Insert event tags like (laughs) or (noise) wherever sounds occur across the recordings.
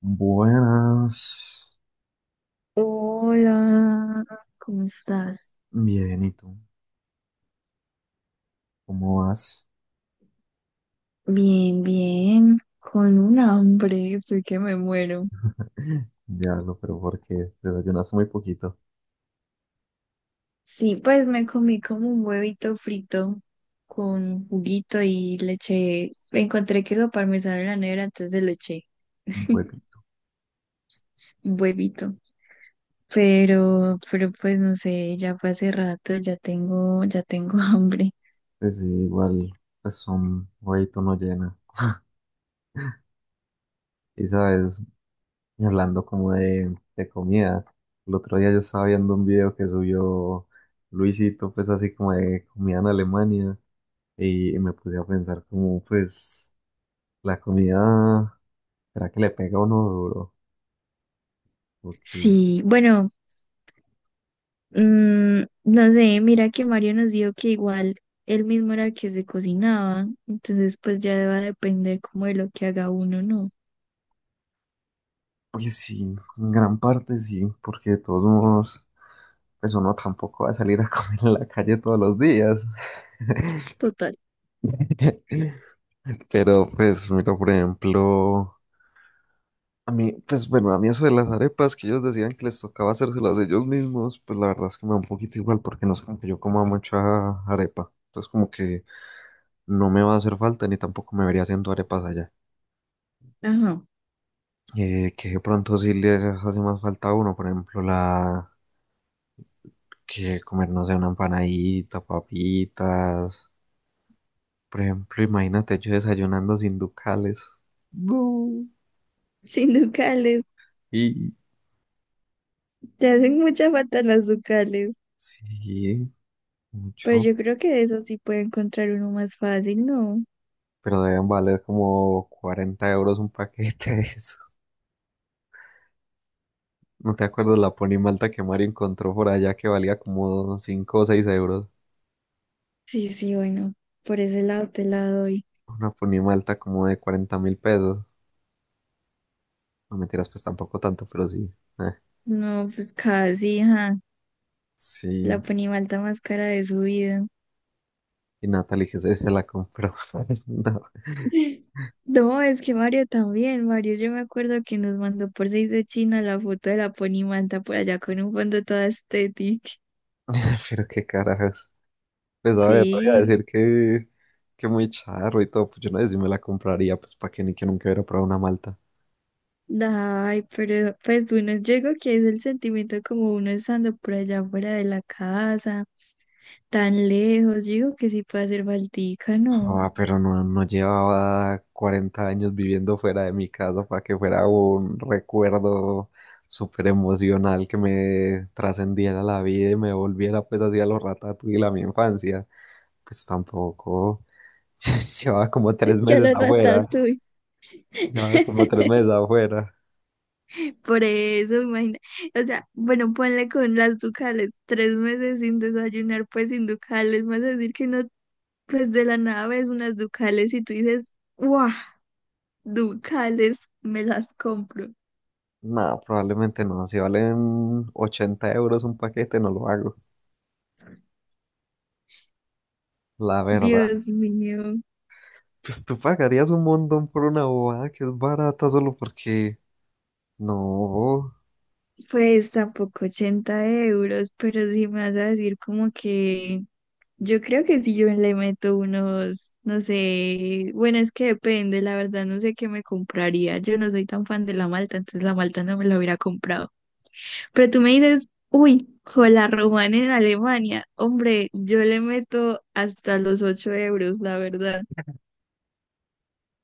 Buenas. Hola, ¿cómo estás? Bien, ¿y tú? ¿Cómo vas? Bien, bien, con un hambre, estoy que me muero. Diablo, pero porque desayunaste muy poquito, Sí, pues me comí como un huevito frito con juguito y le eché, encontré queso parmesano en la nevera, entonces le eché un huevito. un huevito. Pero pues no sé, ya fue hace rato, ya tengo (laughs) hambre. Pues sí, igual, pues un huevito no llena. Y sabes, y hablando como de comida, el otro día yo estaba viendo un video que subió Luisito, pues así como de comida en Alemania, y me puse a pensar como, pues, la comida, ¿será que le pega a uno duro? Ok, Sí, bueno, no sé, mira que Mario nos dijo que igual él mismo era el que se cocinaba, entonces pues ya va a depender como de lo que haga uno, ¿no? pues sí, en gran parte sí, porque de todos modos, pues uno tampoco va a salir a (laughs) comer en la calle todos los días. Total. (laughs) Pero pues, mira, por ejemplo, a mí, pues bueno, a mí eso de las arepas que ellos decían que les tocaba hacérselas ellos mismos, pues la verdad es que me da un poquito igual porque no es como que yo coma mucha arepa. Entonces como que no me va a hacer falta ni tampoco me vería haciendo arepas allá. Ajá. Que de pronto sí les hace más falta a uno, por ejemplo, la... que comernos una empanadita, papitas. Por ejemplo, imagínate yo desayunando sin ducales. No. Sin ducales. Y Te hacen mucha falta las ducales, sí, pero yo mucho. creo que de eso sí puede encontrar uno más fácil, ¿no? Pero deben valer como 40 euros un paquete de eso. ¿No te acuerdas la ponimalta que Mario encontró por allá que valía como 5 o 6 euros? Sí, sí, bueno, por ese lado te la doy. Una ponimalta como de 40 mil pesos. No mentiras, pues tampoco tanto, pero sí. Eh, No, pues casi, ajá, sí. la ponimalta más cara de su vida. Y Natalie que se la compró. (laughs) No, No, es que Mario también. Mario, yo me acuerdo que nos mandó por seis de China la foto de la ponimanta por allá con un fondo toda estética. (laughs) pero qué carajos. Pues a ver, no voy a Sí, decir que muy charro y todo, pues yo no sé si me la compraría, pues para que ni que nunca hubiera probado una malta. ay, pero pues uno, yo digo que es el sentimiento como uno estando por allá fuera de la casa, tan lejos. Yo digo que sí puede hacer baltica, ¿no? Ah, pero no llevaba 40 años viviendo fuera de mi casa para que fuera un recuerdo súper emocional que me trascendiera la vida y me volviera pues hacia los ratatouille a mi infancia. Pues tampoco, (laughs) llevaba como tres (laughs) Que a meses la afuera, ratatouille. llevaba como (laughs) tres meses afuera. Por eso, imagina. O sea, bueno, ponle con las ducales, 3 meses sin desayunar, pues sin ducales, más decir que no. Pues de la nada ves unas Ducales y tú dices, ¡guau! Ducales, me las compro. No, probablemente no. Si valen 80 euros un paquete, no lo hago. La verdad. Dios mío, Pues tú pagarías un montón por una bobada que es barata solo porque... No. pues tampoco 80 euros, pero si me vas a decir como que yo creo que si yo le meto unos, no sé, bueno, es que depende, la verdad no sé qué me compraría. Yo no soy tan fan de la malta, entonces la malta no me la hubiera comprado. Pero tú me dices, uy, con la romana en Alemania, hombre, yo le meto hasta los 8 euros, la verdad.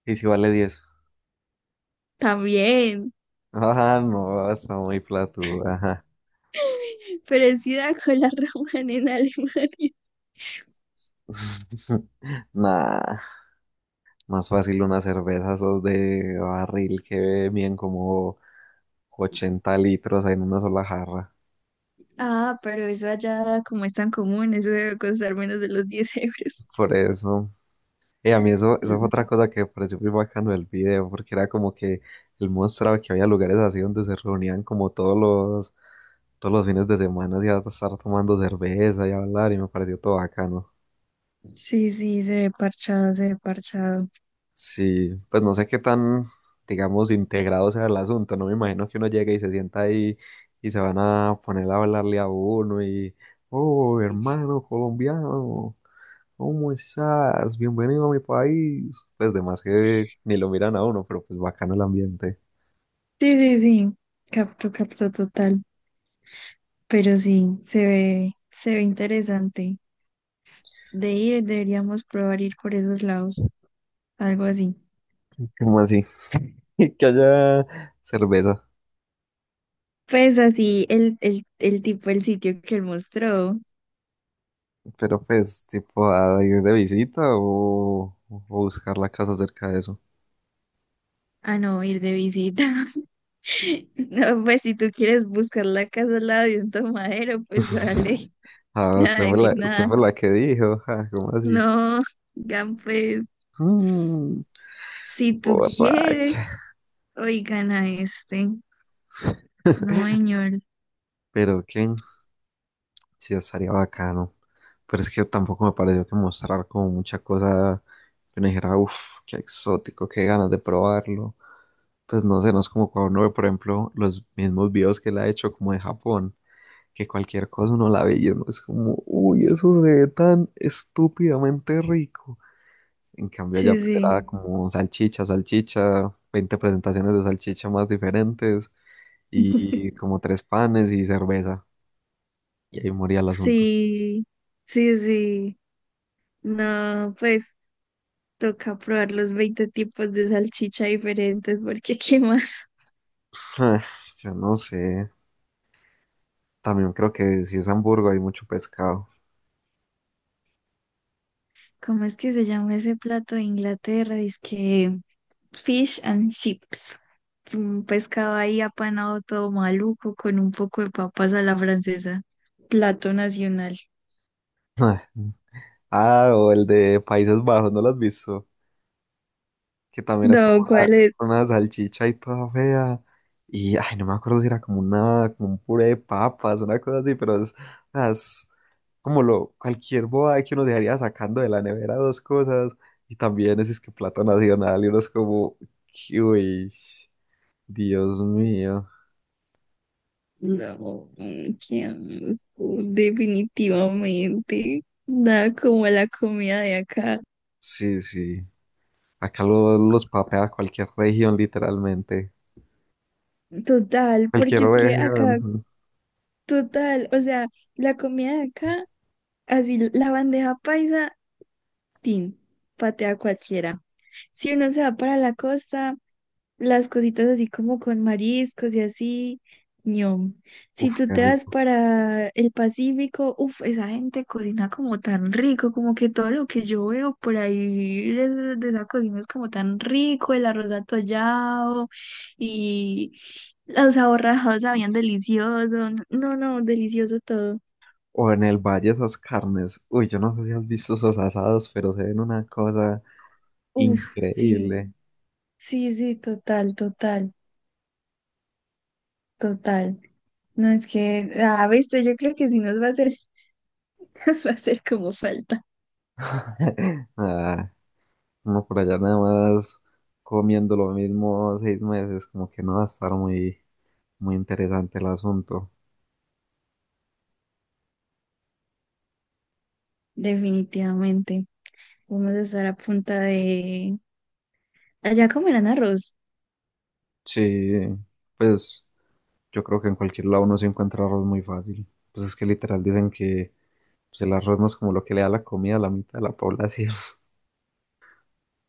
¿Y si vale 10, También, (laughs) ah, no, está muy platuda. Ajá. parecida (laughs) con la Raman en Alemania. (laughs) Nah, más fácil una cerveza esos de barril que bien como 80 litros en una sola jarra. Ah, pero eso allá como es tan común, eso debe costar menos de los 10 euros. Por eso. A mí eso, eso fue Mm. otra cosa que me pareció muy bacano del video, porque era como que él mostraba que había lugares así donde se reunían como todos los fines de semana y a estar tomando cerveza y hablar, y me pareció todo bacano. Sí, sí, se ve parchado, se ve parchado. Sí, pues no sé qué tan, digamos, integrado sea el asunto, no me imagino que uno llegue y se sienta ahí y se van a poner a hablarle a uno y, oh, hermano colombiano. ¿Cómo estás? Bienvenido a mi país. Pues de más que ni lo miran a uno, pero pues bacano el ambiente. Sí, sí, sí, capto, capto total. Pero sí, se ve interesante. De ir, deberíamos probar ir por esos lados, algo así. ¿Cómo así? (laughs) Que haya cerveza. Pues así, el tipo, el sitio que él mostró. Pero pues, tipo, a ir de visita o buscar la casa cerca de eso. Ah, no, ir de visita. (laughs) No, pues si tú quieres buscar la casa al lado de un tomadero, pues dale, (laughs) (laughs) Ah, usted nada, fue decir la, usted nada. fue la que dijo. (laughs) Ah, ¿cómo así? No, oigan, pues Mm, si tú quieres, borracha. oigan a este. No, señor. Pero que sí estaría bacano. Pero es que tampoco me pareció que mostrar como mucha cosa que uno dijera, uff, qué exótico, qué ganas de probarlo. Pues no sé, no es como cuando uno ve, por ejemplo, los mismos videos que él ha hecho como de Japón, que cualquier cosa uno la ve y uno es como, uy, eso se ve tan estúpidamente rico. En cambio allá Sí, pues sí, era como salchicha, salchicha, 20 presentaciones de salchicha más diferentes y como tres panes y cerveza. Y ahí moría el asunto. sí, sí, sí. No, pues toca probar los 20 tipos de salchicha diferentes, porque (laughs) qué más. Ah, yo no sé. También creo que si es Hamburgo hay mucho pescado. (laughs) ¿Cómo es que se llama ese plato de Inglaterra? Dice Fish and chips. Un pescado ahí apanado todo maluco con un poco de papas a la francesa. Plato nacional. Ah, ah, o el de Países Bajos, ¿no lo has visto? Que también es No, como ¿cuál es? una salchicha y toda fea. Y, ay, no me acuerdo si era como una, como un puré de papas, una cosa así, pero es, o sea, es como lo, cualquier boba que uno dejaría sacando de la nevera dos cosas. Y también es que plato nacional y uno es como, uy, Dios mío. No, qué asco, definitivamente. Nada como la comida de acá. Sí, sí. Acá lo- los papea cualquier región, literalmente. Total, Cualquier porque es que acá, región. total, o sea, la comida de acá, así la bandeja paisa, tin, patea cualquiera. Si uno se va para la costa, las cositas así como con mariscos y así, ñom. Si Uf, tú qué te das rico. para el Pacífico, uff, esa gente cocina como tan rico, como que todo lo que yo veo por ahí de esa cocina es como tan rico, el arroz atollado y los aborrajados sabían delicioso, no, no, delicioso todo. O en el valle esas carnes. Uy, yo no sé si has visto esos asados, pero se ven una cosa Uff, sí, increíble. sí, sí, total, total, total. No, es que, ah, viste, yo creo que si nos va a hacer, (laughs) nos va a hacer como falta. Ah, uno por allá nada más comiendo lo mismo 6 meses, como que no va a estar muy, muy interesante el asunto. Definitivamente. Vamos a estar a punta de... Allá comerán arroz. Sí, pues yo creo que en cualquier lado uno se encuentra arroz muy fácil. Pues es que literal dicen que pues, el arroz no es como lo que le da la comida a la mitad de la población. (laughs)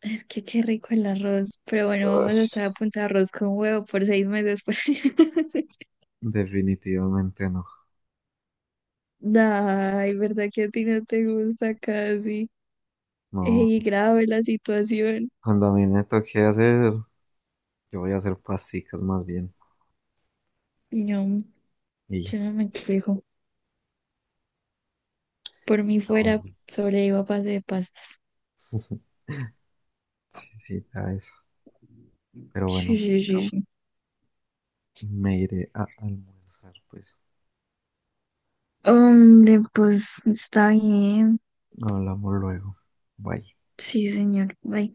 Es que qué rico el arroz. Pero bueno, vamos a estar a Ush, punta de arroz con huevo por 6 meses. Por allá. definitivamente no. (laughs) Ay, ¿verdad que a ti no te gusta casi? No, Ey, grave la situación. cuando a mí me toque hacer. Yo voy a hacer pasticas más bien. No, Y yo no me quejo. Por mí ah, fuera, bueno, sobrevivo a base de pastas. sí, sí, ya eso. Pero Sí, bueno, sí, sí, no, sí. me iré a almorzar, pues. Hombre, pues está bien. Hablamos luego. Bye. Sí, señor. Ay,